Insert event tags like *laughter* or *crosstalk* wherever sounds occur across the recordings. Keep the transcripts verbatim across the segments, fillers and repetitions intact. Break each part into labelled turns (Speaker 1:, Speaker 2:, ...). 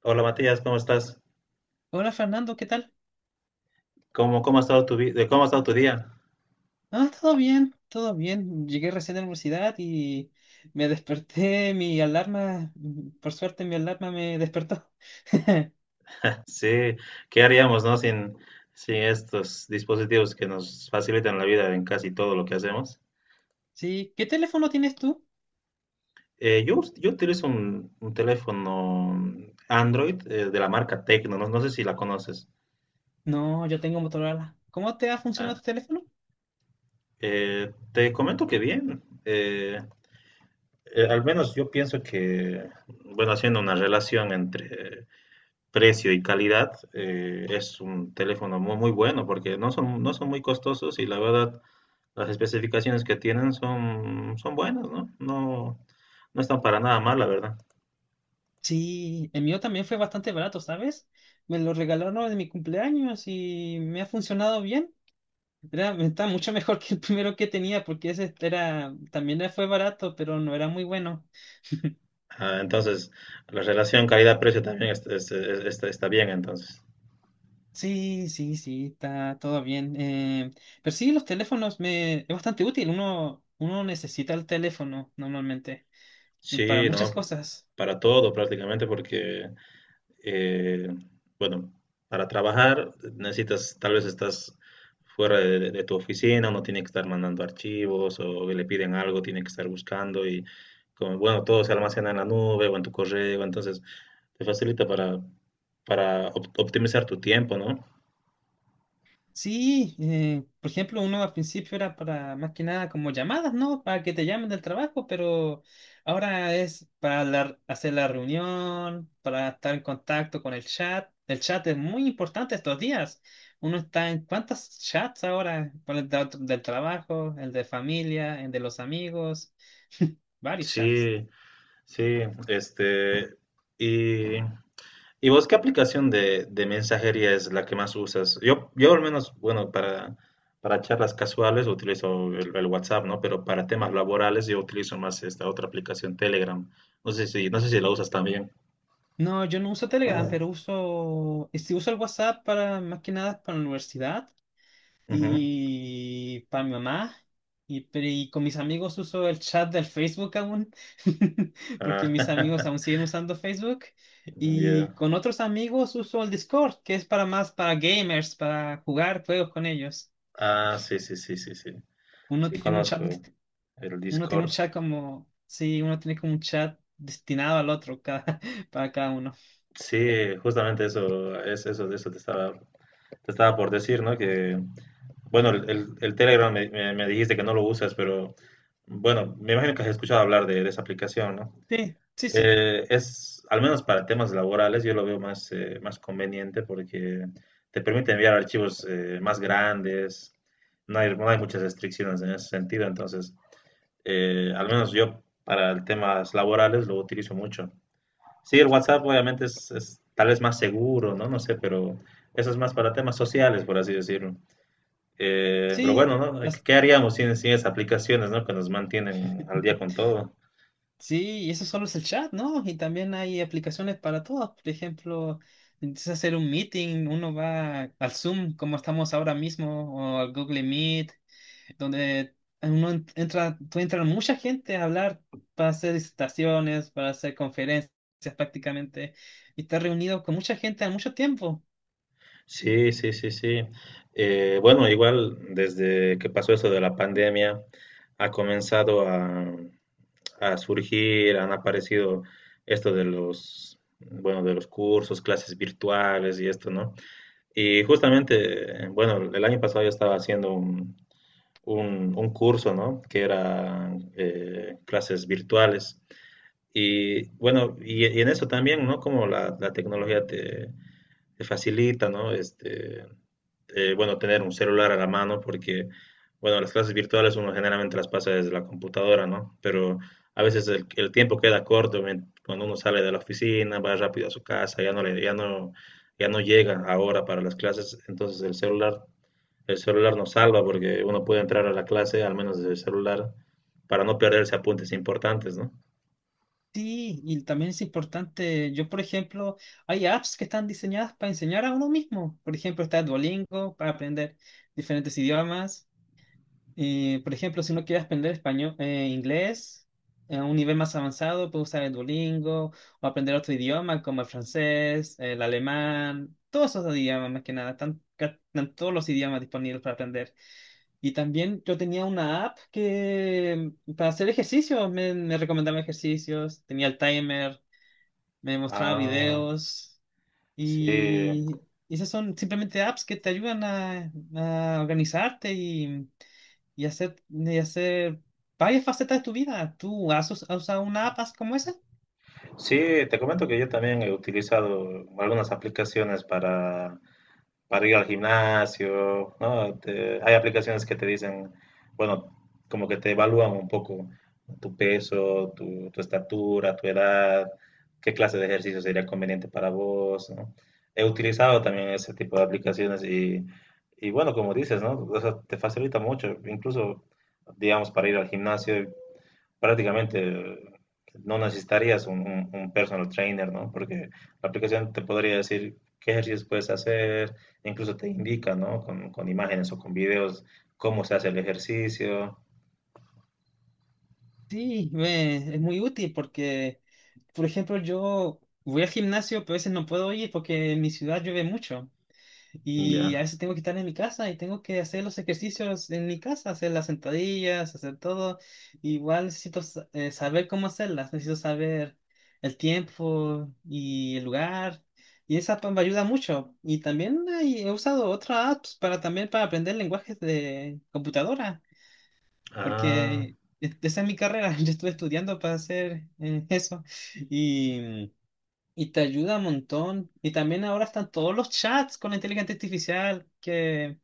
Speaker 1: Hola Matías, ¿cómo estás?
Speaker 2: Hola Fernando, ¿qué tal?
Speaker 1: ¿Cómo, cómo ha estado tu vi- eh, cómo ha estado tu día?
Speaker 2: Ah, todo bien, todo bien. Llegué recién a la universidad y me desperté, mi alarma, mm, por suerte mi alarma me despertó. *laughs*
Speaker 1: *laughs* Sí, ¿qué haríamos, no? Sin, sin estos dispositivos que nos facilitan la vida en casi todo lo que hacemos.
Speaker 2: Sí, ¿qué teléfono tienes tú?
Speaker 1: Eh, yo, us- yo utilizo un, un teléfono Android eh, de la marca Tecno, no, no sé si la conoces.
Speaker 2: No, yo tengo Motorola. ¿Cómo te ha
Speaker 1: Ah,
Speaker 2: funcionado tu teléfono?
Speaker 1: eh, te comento que bien. eh, eh, al menos yo pienso que, bueno, haciendo una relación entre precio y calidad, eh, es un teléfono muy, muy bueno porque no son, no son muy costosos y la verdad las especificaciones que tienen son, son buenas, ¿no? No, no están para nada mal, la verdad.
Speaker 2: Sí, el mío también fue bastante barato, ¿sabes? Me lo regalaron en mi cumpleaños y me ha funcionado bien. Era, está mucho mejor *laughs* que el primero que tenía porque ese era, también fue barato, pero no era muy bueno.
Speaker 1: Ah, entonces, la relación calidad-precio también es- es- es- está, está bien, entonces.
Speaker 2: Sí, sí, sí, está todo bien. Eh, pero sí, los teléfonos me, es bastante útil. Uno, uno necesita el teléfono normalmente y para
Speaker 1: Sí,
Speaker 2: muchas
Speaker 1: ¿no?
Speaker 2: cosas.
Speaker 1: Para todo prácticamente porque eh, bueno, para trabajar necesitas, tal vez estás fuera de, de tu oficina, uno tiene que estar mandando archivos o le piden algo, tiene que estar buscando y como, bueno, todo se almacena en la nube o en tu correo, entonces te facilita para, para op- optimizar tu tiempo, ¿no?
Speaker 2: Sí, eh, por ejemplo, uno al principio era para más que nada como llamadas, ¿no? Para que te llamen del trabajo, pero ahora es para la- hacer la reunión, para estar en contacto con el chat. El chat es muy importante estos días. Uno está en cuántos chats ahora, por el da- del trabajo, el de familia, el de los amigos, varios chats.
Speaker 1: Sí, sí, este, y ¿Y vos qué aplicación de, de mensajería es la que más usas? Yo, yo al menos, bueno, para, para charlas casuales utilizo el, el WhatsApp, ¿no? Pero para temas laborales yo utilizo más esta otra aplicación, Telegram. No sé si, no sé si la usas también.
Speaker 2: No, yo no uso Telegram, pero uso, y si uso el WhatsApp para más que nada para la universidad,
Speaker 1: Ujú.
Speaker 2: y para mi mamá. Y, pero- y con mis amigos uso el chat del Facebook aún, *laughs*
Speaker 1: Ah,
Speaker 2: porque mis amigos
Speaker 1: *laughs*
Speaker 2: aún siguen usando Facebook. Y
Speaker 1: ya.
Speaker 2: con otros amigos uso el Discord, que es para más para gamers, para jugar juegos con ellos.
Speaker 1: Ah, sí, sí, sí, sí, sí.
Speaker 2: Uno
Speaker 1: Sí,
Speaker 2: tiene un chat,
Speaker 1: conozco
Speaker 2: *laughs*
Speaker 1: el
Speaker 2: uno tiene un
Speaker 1: Discord.
Speaker 2: chat como, sí, uno tiene como un chat destinado al otro cada, *laughs* para cada uno.
Speaker 1: Sí, justamente eso, es eso, de eso te estaba te estaba por decir, ¿no? Que, bueno, el, el- el Telegram me, me- me dijiste que no lo usas, pero bueno, me imagino que has escuchado hablar de, de esa aplicación, ¿no?
Speaker 2: Sí, sí, sí.
Speaker 1: Eh, es, al menos para temas laborales, yo lo veo más, eh, más conveniente porque te permite enviar archivos eh, más grandes, no hay, no hay muchas restricciones en ese sentido, entonces, eh, al menos yo para temas laborales lo utilizo mucho. Sí, el WhatsApp obviamente es, es tal vez más seguro, ¿no? No sé, pero eso es más para temas sociales, por así decirlo. Eh, pero
Speaker 2: Sí,
Speaker 1: bueno, ¿no?
Speaker 2: las-
Speaker 1: ¿Qué haríamos sin, sin esas aplicaciones, ¿no? Que nos mantienen al día con
Speaker 2: *laughs*
Speaker 1: todo.
Speaker 2: Sí, y eso solo es el chat, ¿no? Y también hay aplicaciones para todas. Por ejemplo, empiezas a hacer un meeting, uno va al Zoom, como estamos ahora mismo, o al Google Meet, donde uno en- entra, tú entra mucha gente a hablar para hacer disertaciones, para hacer conferencias prácticamente, y estás reunido con mucha gente a mucho tiempo.
Speaker 1: Sí, sí, sí, sí. Eh, bueno, igual desde que pasó eso de la pandemia, ha comenzado a, a surgir, han aparecido esto de los, bueno, de los cursos, clases virtuales y esto, ¿no? Y justamente, bueno, el año pasado yo estaba haciendo un, un, un curso, ¿no? Que era eh, clases virtuales. Y bueno, y, y en eso también, ¿no? Como la, la tecnología te, te facilita, ¿no? Este, eh, bueno, tener un celular a la mano porque, bueno, las clases virtuales uno generalmente las pasa desde la computadora, ¿no? Pero a veces el, el tiempo queda corto men- cuando uno sale de la oficina, va rápido a su casa, ya no le, ya no, ya no llega ahora para las clases, entonces el celular, el celular nos salva porque uno puede entrar a la clase al menos desde el celular para no perderse apuntes importantes, ¿no?
Speaker 2: Sí, y también es importante, yo por ejemplo, hay apps que están diseñadas para enseñar a uno mismo. Por ejemplo, está Duolingo para aprender diferentes idiomas. Eh, por ejemplo, si uno quiere aprender español, eh, inglés eh, a un nivel más avanzado, puede usar el Duolingo o aprender otro idioma como el francés, el alemán, todos esos idiomas más que nada, están, ca- están todos los idiomas disponibles para aprender. Y también yo tenía una app que mm, para hacer ejercicios, me, me recomendaba ejercicios, tenía el timer, me mostraba
Speaker 1: Ah,
Speaker 2: videos.
Speaker 1: sí.
Speaker 2: Y esas son simplemente apps que te ayudan a, a organizarte y, y hacer, y hacer varias facetas de tu vida. ¿Tú has, us- has usado una app as- como esa?
Speaker 1: Sí, te comento que yo también he utilizado algunas aplicaciones para, para ir al gimnasio, ¿no? Te- hay aplicaciones que te dicen, bueno, como que te evalúan un poco tu peso, tu, tu estatura, tu edad, qué clase de ejercicio sería conveniente para vos, ¿no? He utilizado también ese tipo de aplicaciones y, y bueno, como dices, ¿no? O sea, te facilita mucho, incluso, digamos, para ir al gimnasio prácticamente eh, no necesitarías un, un- un personal trainer, ¿no? Porque la aplicación te podría decir qué ejercicios puedes hacer, incluso te indica, ¿no? Con, con imágenes o con videos cómo se hace el ejercicio.
Speaker 2: Sí, me- es muy útil porque, por ejemplo, yo voy al gimnasio, pero a veces no puedo ir porque en mi ciudad llueve mucho. Y a
Speaker 1: Ya.
Speaker 2: veces tengo que estar en mi casa y tengo que hacer los ejercicios en mi casa, hacer las sentadillas, hacer todo. Igual necesito sa- eh, saber cómo hacerlas, necesito saber el tiempo y el lugar. Y esa app me ayuda mucho. Y también hay- he usado otras apps para también para aprender lenguajes de computadora,
Speaker 1: Ah,
Speaker 2: porque e- esa es mi carrera. *laughs* Yo estuve estudiando para hacer eh, eso. Y te ayuda un montón. Y también ahora están todos los chats con la inteligencia artificial que,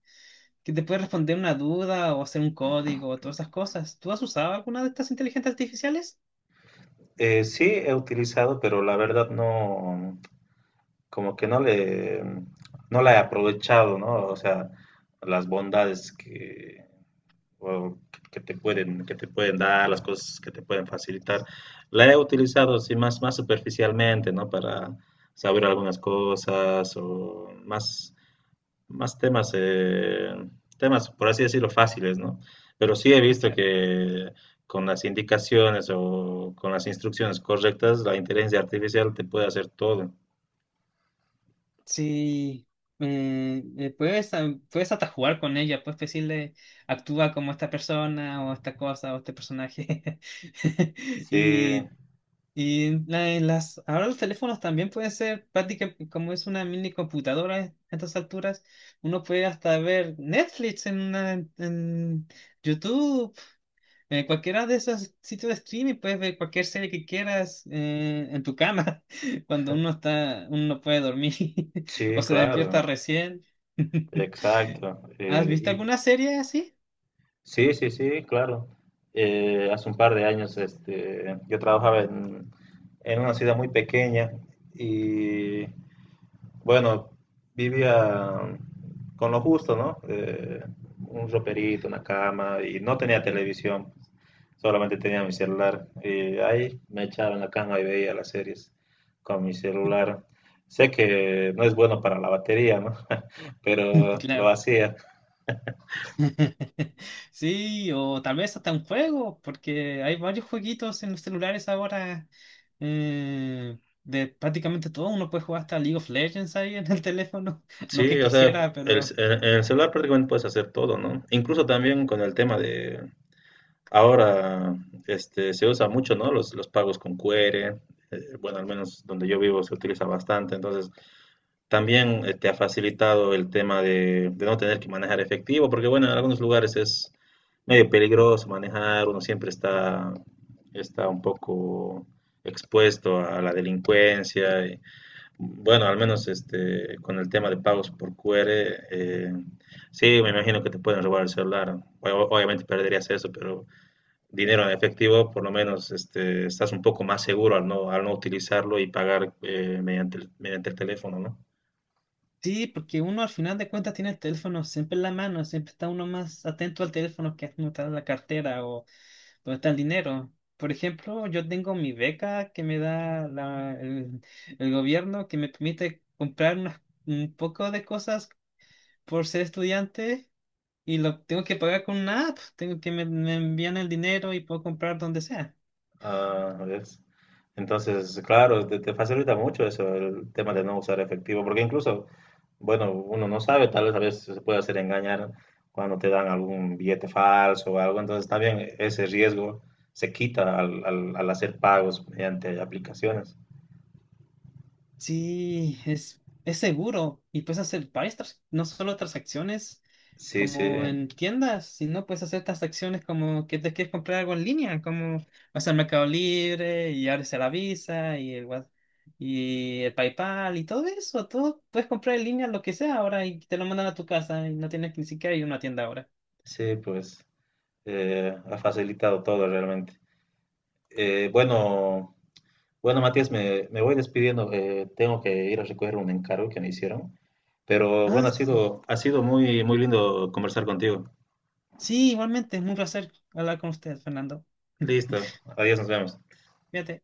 Speaker 2: que te puede responder una duda o hacer un código o todas esas cosas. ¿Tú has usado alguna de estas inteligencias artificiales?
Speaker 1: eh, sí he utilizado, pero la verdad no, como que no le, no la he aprovechado, ¿no? O sea, las bondades que, o que te pueden, que te pueden dar, las cosas que te pueden facilitar. La he utilizado así más, más superficialmente, ¿no? Para saber algunas cosas o más, más temas, eh, temas, por así decirlo, fáciles, ¿no? Pero sí he visto
Speaker 2: Ca-
Speaker 1: que con las indicaciones o con las instrucciones correctas, la inteligencia artificial te puede hacer todo.
Speaker 2: Sí. Eh, eh, puedes, ah, puedes hasta jugar con ella, puedes decirle, actúa como esta persona o esta cosa o este personaje. *laughs*
Speaker 1: Sí,
Speaker 2: Y y en la- en las, ahora los teléfonos también pueden ser prácticamente como es una mini computadora a estas alturas, uno puede hasta ver Netflix en, una- en YouTube, en cualquiera de esos sitios de streaming, puedes ver cualquier serie que quieras eh, en tu cama, *laughs* cuando uno está, uno no puede dormir *laughs* o
Speaker 1: sí,
Speaker 2: se despierta
Speaker 1: claro,
Speaker 2: recién. *laughs*
Speaker 1: exacto.
Speaker 2: ¿Has visto
Speaker 1: Eh,
Speaker 2: alguna serie así?
Speaker 1: Sí, sí, sí, claro. Eh, hace un par de años este, yo trabajaba en, en una ciudad muy pequeña y bueno, vivía con lo justo, ¿no? Eh, un roperito, una cama y no tenía televisión, solamente tenía mi celular. Y ahí me echaba en la cama y veía las series con mi celular. Sé que no es bueno para la batería, ¿no? *laughs*
Speaker 2: *laughs*
Speaker 1: Pero lo
Speaker 2: Claro.
Speaker 1: hacía.
Speaker 2: *laughs* Sí, o tal vez hasta un juego, porque hay varios jueguitos en los celulares ahora. eh, de prácticamente todo, uno puede jugar hasta League of Legends ahí en el teléfono. *laughs* No
Speaker 1: Sí,
Speaker 2: que
Speaker 1: o sea,
Speaker 2: quisiera,
Speaker 1: el, ce-
Speaker 2: pero
Speaker 1: en en el celular prácticamente puedes hacer todo, ¿no? Incluso también con el tema de, ahora este, se usa mucho, ¿no? Los, los pagos con Q R, eh, bueno, al menos donde yo vivo se utiliza bastante, entonces también eh, te ha facilitado el tema de, de no tener que manejar efectivo, porque bueno, en algunos lugares es medio peligroso manejar, uno siempre está, está un poco expuesto a la delincuencia bueno, al menos este, con el tema de pagos por Q R, eh, sí, me imagino que te pueden robar el celular. O- Obviamente perderías eso, pero dinero en efectivo, por lo menos este, estás un poco más seguro al no, al no utilizarlo y pagar eh, mediante el, mediante el teléfono, ¿no?
Speaker 2: sí, porque uno al final de cuentas tiene el teléfono siempre en la mano, siempre está uno más atento al teléfono que uno está en la cartera o donde está el dinero. Por ejemplo, yo tengo mi beca que me da la- el, el gobierno que me permite comprar unas- un poco de cosas por ser estudiante y lo tengo que pagar con una app. Tengo que me, me envían el dinero y puedo comprar donde sea.
Speaker 1: Ah, ¿ves? Entonces, claro, te, te facilita mucho eso, el tema de no usar efectivo, porque incluso, bueno, uno no sabe, tal vez a veces se puede hacer engañar cuando te dan algún billete falso o algo, entonces también ese riesgo se quita al, al- al hacer pagos mediante aplicaciones.
Speaker 2: Sí, es, es seguro y puedes hacer varias, trans- no solo transacciones
Speaker 1: Sí, sí,
Speaker 2: como en tiendas, sino puedes hacer transacciones como que te quieres comprar algo en línea, como vas al Mercado Libre y abres la Visa y el, Wa- y el PayPal y todo eso. Todo puedes comprar en línea lo que sea ahora y te lo mandan a tu casa y no tienes que ni siquiera ir a una tienda ahora.
Speaker 1: sí, pues eh, ha facilitado todo realmente. Eh, bueno. Bueno, Matías, me, me voy despidiendo. eh, tengo que ir a recoger un encargo que me hicieron. Pero bueno,
Speaker 2: Ah,
Speaker 1: ha sido, ha sido muy, muy lindo conversar contigo.
Speaker 2: sí, igualmente, es un placer hablar con usted, Fernando. *laughs*
Speaker 1: Listo. Adiós, nos vemos.
Speaker 2: Fíjate.